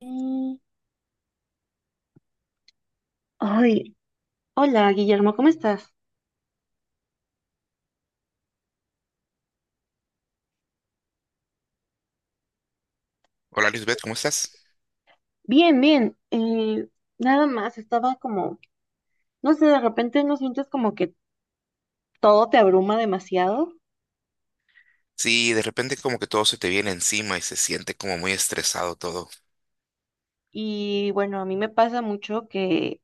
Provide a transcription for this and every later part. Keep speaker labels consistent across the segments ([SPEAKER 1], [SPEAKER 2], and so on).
[SPEAKER 1] Mm, ay, hola Guillermo, ¿cómo estás?
[SPEAKER 2] Hola Lisbeth, ¿cómo estás?
[SPEAKER 1] Bien, bien. Nada más, estaba como, no sé, de repente no sientes como que todo te abruma demasiado.
[SPEAKER 2] Sí, de repente como que todo se te viene encima y se siente como muy estresado todo.
[SPEAKER 1] Y bueno, a mí me pasa mucho que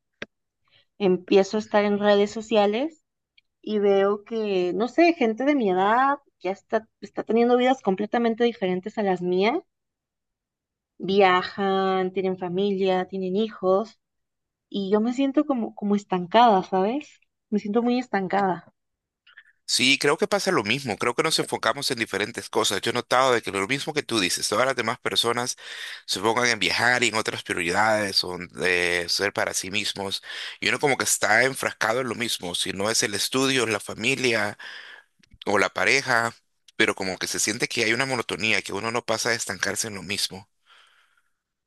[SPEAKER 1] empiezo a estar en redes sociales y veo que, no sé, gente de mi edad está teniendo vidas completamente diferentes a las mías. Viajan, tienen familia, tienen hijos y yo me siento como, como estancada, ¿sabes? Me siento muy estancada.
[SPEAKER 2] Sí, creo que pasa lo mismo, creo que nos enfocamos en diferentes cosas. Yo he notado de que lo mismo que tú dices, todas las demás personas se enfocan en viajar y en otras prioridades o en, ser para sí mismos y uno como que está enfrascado en lo mismo, si no es el estudio, es la familia o la pareja, pero como que se siente que hay una monotonía, que uno no pasa a estancarse en lo mismo.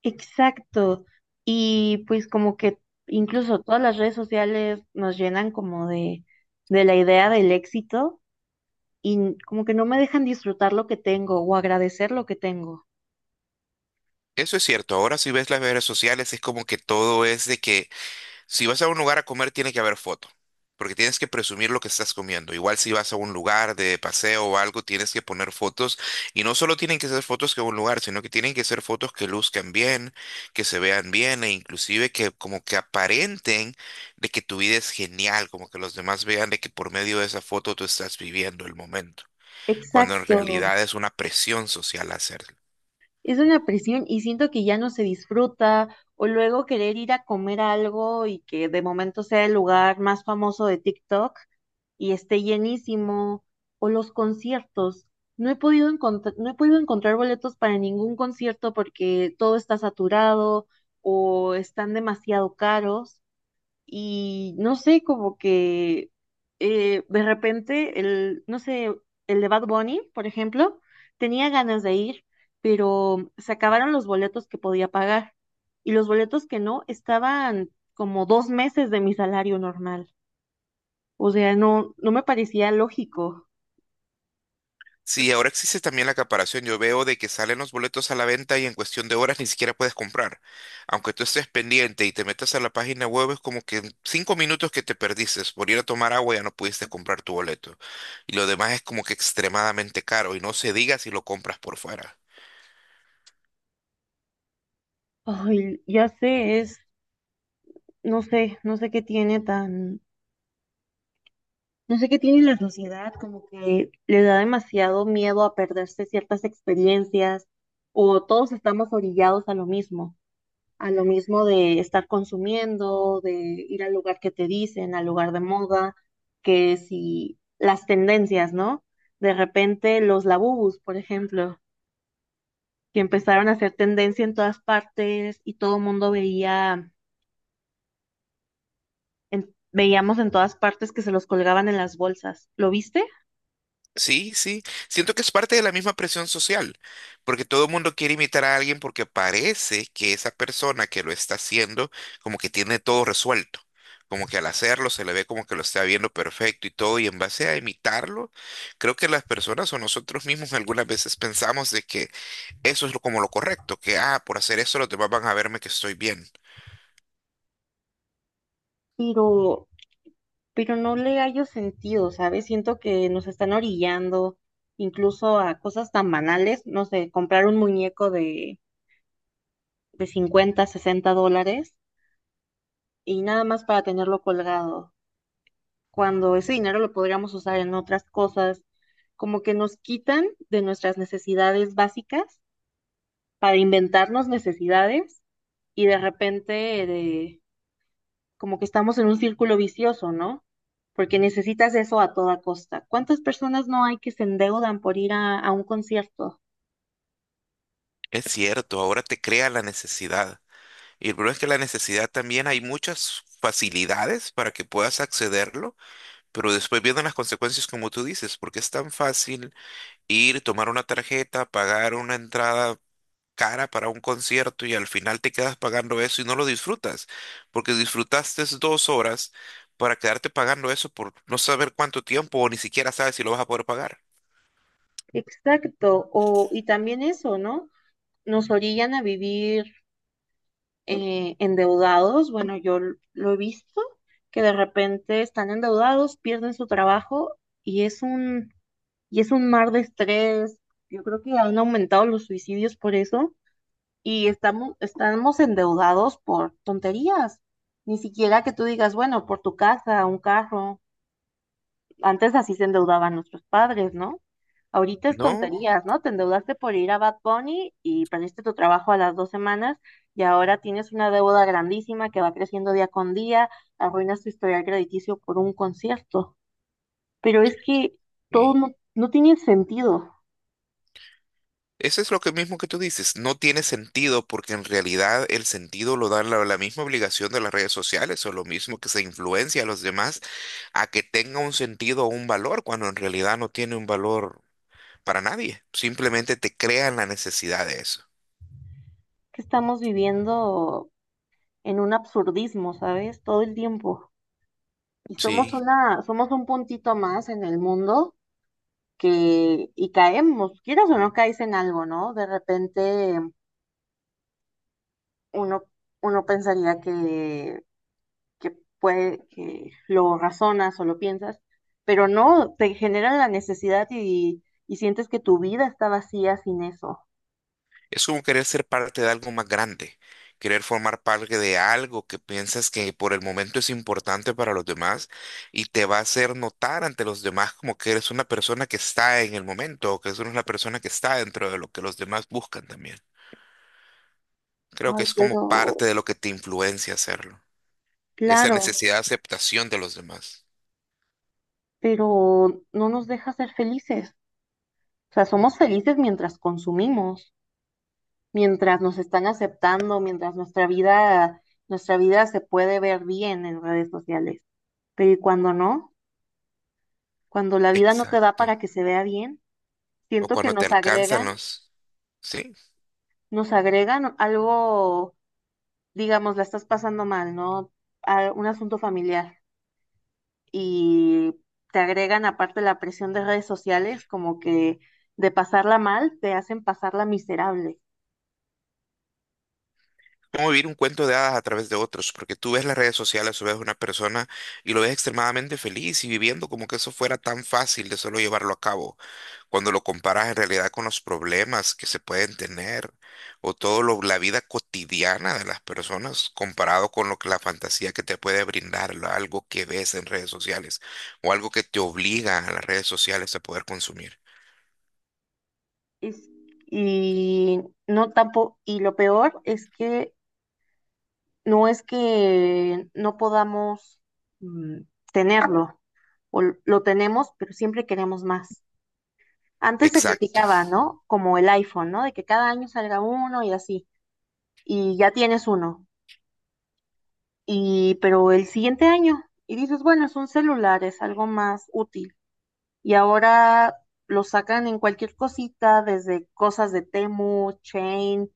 [SPEAKER 1] Exacto. Y pues como que incluso todas las redes sociales nos llenan como de la idea del éxito y como que no me dejan disfrutar lo que tengo o agradecer lo que tengo.
[SPEAKER 2] Eso es cierto, ahora si ves las redes sociales es como que todo es de que si vas a un lugar a comer, tiene que haber foto, porque tienes que presumir lo que estás comiendo. Igual si vas a un lugar de paseo o algo, tienes que poner fotos. Y no solo tienen que ser fotos que un lugar, sino que tienen que ser fotos que luzcan bien, que se vean bien e inclusive que como que aparenten de que tu vida es genial, como que los demás vean de que por medio de esa foto tú estás viviendo el momento, cuando en
[SPEAKER 1] Exacto.
[SPEAKER 2] realidad es una presión social hacer.
[SPEAKER 1] Es una presión y siento que ya no se disfruta, o luego querer ir a comer algo y que de momento sea el lugar más famoso de TikTok y esté llenísimo, o los conciertos. No he podido encontrar boletos para ningún concierto porque todo está saturado o están demasiado caros y no sé, como que de repente el, no sé, el de Bad Bunny, por ejemplo, tenía ganas de ir, pero se acabaron los boletos que podía pagar y los boletos que no estaban como dos meses de mi salario normal. O sea, no me parecía lógico.
[SPEAKER 2] Sí, ahora existe también la acaparación. Yo veo de que salen los boletos a la venta y en cuestión de horas ni siquiera puedes comprar. Aunque tú estés pendiente y te metas a la página web, es como que en 5 minutos que te perdiste por ir a tomar agua ya no pudiste comprar tu boleto. Y lo demás es como que extremadamente caro y no se diga si lo compras por fuera.
[SPEAKER 1] Ay, ya sé, es, no sé, no sé qué tiene tan No sé qué tiene la sociedad, como que le da demasiado miedo a perderse ciertas experiencias o todos estamos orillados a lo mismo de estar consumiendo, de ir al lugar que te dicen, al lugar de moda, que si las tendencias, ¿no? De repente los labubus, por ejemplo, que empezaron a hacer tendencia en todas partes y todo el mundo veía, veíamos en todas partes que se los colgaban en las bolsas. ¿Lo viste?
[SPEAKER 2] Sí, sí. Siento que es parte de la misma presión social, porque todo el mundo quiere imitar a alguien porque parece que esa persona que lo está haciendo como que tiene todo resuelto, como que al hacerlo se le ve como que lo está viendo perfecto y todo, y en base a imitarlo, creo que las personas o nosotros mismos algunas veces pensamos de que eso es como lo correcto, que ah, por hacer eso los demás van a verme que estoy bien.
[SPEAKER 1] Pero pero no le hallo sentido, ¿sabes? Siento que nos están orillando incluso a cosas tan banales, no sé, comprar un muñeco de 50, $60 y nada más para tenerlo colgado, cuando ese dinero lo podríamos usar en otras cosas, como que nos quitan de nuestras necesidades básicas para inventarnos necesidades y de repente de como que estamos en un círculo vicioso, ¿no? Porque necesitas eso a toda costa. ¿Cuántas personas no hay que se endeudan por ir a un concierto?
[SPEAKER 2] Es cierto, ahora te crea la necesidad. Y el problema es que la necesidad también hay muchas facilidades para que puedas accederlo. Pero después vienen las consecuencias, como tú dices, porque es tan fácil ir, tomar una tarjeta, pagar una entrada cara para un concierto y al final te quedas pagando eso y no lo disfrutas, porque disfrutaste 2 horas para quedarte pagando eso por no saber cuánto tiempo o ni siquiera sabes si lo vas a poder pagar.
[SPEAKER 1] Exacto, o, y también eso, ¿no? Nos orillan a vivir endeudados. Bueno, lo he visto, que de repente están endeudados, pierden su trabajo y es un, y es un mar de estrés. Yo creo que han aumentado los suicidios por eso y estamos endeudados por tonterías. Ni siquiera que tú digas, bueno, por tu casa, un carro. Antes así se endeudaban nuestros padres, ¿no? Ahorita es
[SPEAKER 2] No,
[SPEAKER 1] tonterías, ¿no? Te endeudaste por ir a Bad Bunny y perdiste tu trabajo a las dos semanas y ahora tienes una deuda grandísima que va creciendo día con día, arruinas tu historial crediticio por un concierto. Pero es que todo
[SPEAKER 2] y
[SPEAKER 1] no, no tiene sentido,
[SPEAKER 2] eso es lo que mismo que tú dices, no tiene sentido porque en realidad el sentido lo da la misma obligación de las redes sociales o lo mismo que se influencia a los demás a que tenga un sentido o un valor cuando en realidad no tiene un valor para nadie, simplemente te crean la necesidad de eso.
[SPEAKER 1] que estamos viviendo en un absurdismo, ¿sabes? Todo el tiempo. Y somos
[SPEAKER 2] Sí.
[SPEAKER 1] somos un puntito más en el mundo que, y caemos, quieras o no caes en algo, ¿no? De repente uno, uno pensaría que puede, que lo razonas o lo piensas, pero no, te genera la necesidad y sientes que tu vida está vacía sin eso.
[SPEAKER 2] Es como querer ser parte de algo más grande, querer formar parte de algo que piensas que por el momento es importante para los demás y te va a hacer notar ante los demás como que eres una persona que está en el momento o que eres una persona que está dentro de lo que los demás buscan también. Creo que
[SPEAKER 1] Ay,
[SPEAKER 2] es como
[SPEAKER 1] pero,
[SPEAKER 2] parte de lo que te influencia hacerlo, esa
[SPEAKER 1] claro,
[SPEAKER 2] necesidad de aceptación de los demás.
[SPEAKER 1] pero no nos deja ser felices. O sea, somos felices mientras consumimos, mientras nos están aceptando, nuestra vida se puede ver bien en redes sociales. Pero ¿y cuando no? Cuando la vida no te da
[SPEAKER 2] Exacto.
[SPEAKER 1] para que se vea bien,
[SPEAKER 2] O
[SPEAKER 1] siento que
[SPEAKER 2] cuando te alcanzan los... Sí,
[SPEAKER 1] nos agregan algo, digamos, la estás pasando mal, ¿no? Un asunto familiar y te agregan aparte la presión de redes sociales, como que de pasarla mal te hacen pasarla miserable.
[SPEAKER 2] cómo vivir un cuento de hadas a través de otros, porque tú ves las redes sociales o ves una persona y lo ves extremadamente feliz y viviendo como que eso fuera tan fácil de solo llevarlo a cabo, cuando lo comparas en realidad con los problemas que se pueden tener o todo lo, la vida cotidiana de las personas comparado con lo que la fantasía que te puede brindar, algo que ves en redes sociales o algo que te obliga a las redes sociales a poder consumir.
[SPEAKER 1] Es- y no tampoco, y lo peor es que no podamos mm, tenerlo, o lo tenemos, pero siempre queremos más. Antes se
[SPEAKER 2] Exacto.
[SPEAKER 1] criticaba, ¿no? Como el iPhone, ¿no? De que cada año salga uno y así, y ya tienes uno, y pero el siguiente año, y dices, bueno, es un celular, es algo más útil. Y ahora lo sacan en cualquier cosita, desde cosas de Temu, Chain,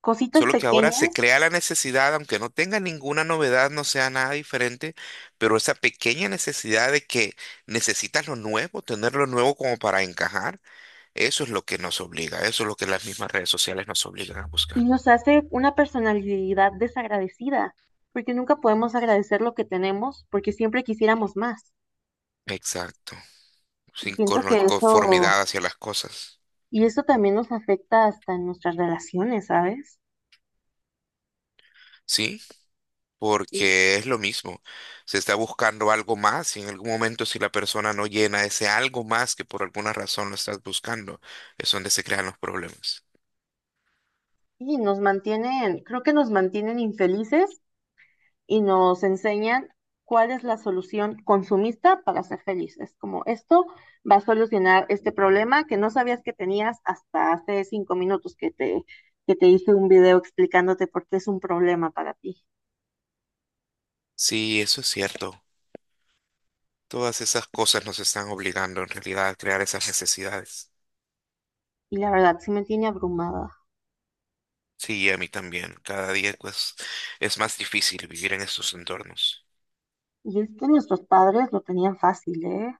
[SPEAKER 1] cositas
[SPEAKER 2] Solo que ahora se
[SPEAKER 1] pequeñas.
[SPEAKER 2] crea la necesidad, aunque no tenga ninguna novedad, no sea nada diferente, pero esa pequeña necesidad de que necesitas lo nuevo, tener lo nuevo como para encajar, eso es lo que nos obliga, eso es lo que las mismas redes sociales nos obligan a
[SPEAKER 1] Y
[SPEAKER 2] buscar.
[SPEAKER 1] nos hace una personalidad desagradecida, porque nunca podemos agradecer lo que tenemos, porque siempre quisiéramos más.
[SPEAKER 2] Exacto,
[SPEAKER 1] Y
[SPEAKER 2] sin
[SPEAKER 1] siento que eso,
[SPEAKER 2] conformidad hacia las cosas,
[SPEAKER 1] y eso también nos afecta hasta en nuestras relaciones, ¿sabes?
[SPEAKER 2] ¿sí?
[SPEAKER 1] Y
[SPEAKER 2] Porque es lo mismo, se está buscando algo más y en algún momento si la persona no llena ese algo más que por alguna razón lo estás buscando, es donde se crean los problemas.
[SPEAKER 1] y nos mantienen, creo que nos mantienen infelices y nos enseñan cuál es la solución consumista para ser feliz. Es como esto va a solucionar este problema que no sabías que tenías hasta hace 5 minutos que te hice un video explicándote por qué es un problema para ti.
[SPEAKER 2] Sí, eso es cierto. Todas esas cosas nos están obligando en realidad a crear esas necesidades.
[SPEAKER 1] Y la verdad, sí me tiene abrumada.
[SPEAKER 2] Sí, y a mí también. Cada día pues es más difícil vivir en estos entornos.
[SPEAKER 1] Y es que nuestros padres lo tenían fácil, ¿eh?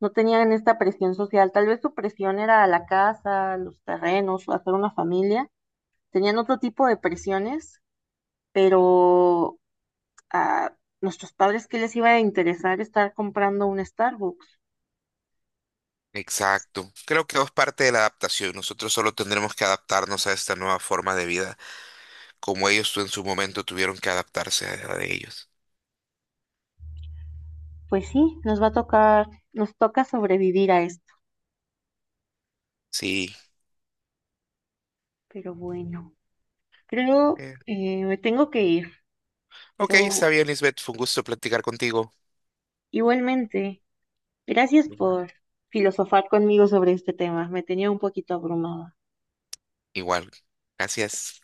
[SPEAKER 1] No tenían esta presión social. Tal vez su presión era la casa, los terrenos, hacer una familia. Tenían otro tipo de presiones, pero a nuestros padres que les iba a interesar estar comprando un Starbucks.
[SPEAKER 2] Exacto. Creo que es parte de la adaptación. Nosotros solo tendremos que adaptarnos a esta nueva forma de vida, como ellos en su momento tuvieron que adaptarse a la de ellos.
[SPEAKER 1] Pues sí, nos va a tocar, nos toca sobrevivir a esto.
[SPEAKER 2] Sí.
[SPEAKER 1] Pero bueno, creo
[SPEAKER 2] Eh,
[SPEAKER 1] me tengo que ir,
[SPEAKER 2] ok,
[SPEAKER 1] pero
[SPEAKER 2] está bien, Lisbeth. Fue un gusto platicar contigo.
[SPEAKER 1] igualmente, gracias por filosofar conmigo sobre este tema. Me tenía un poquito abrumada.
[SPEAKER 2] Igual. Gracias.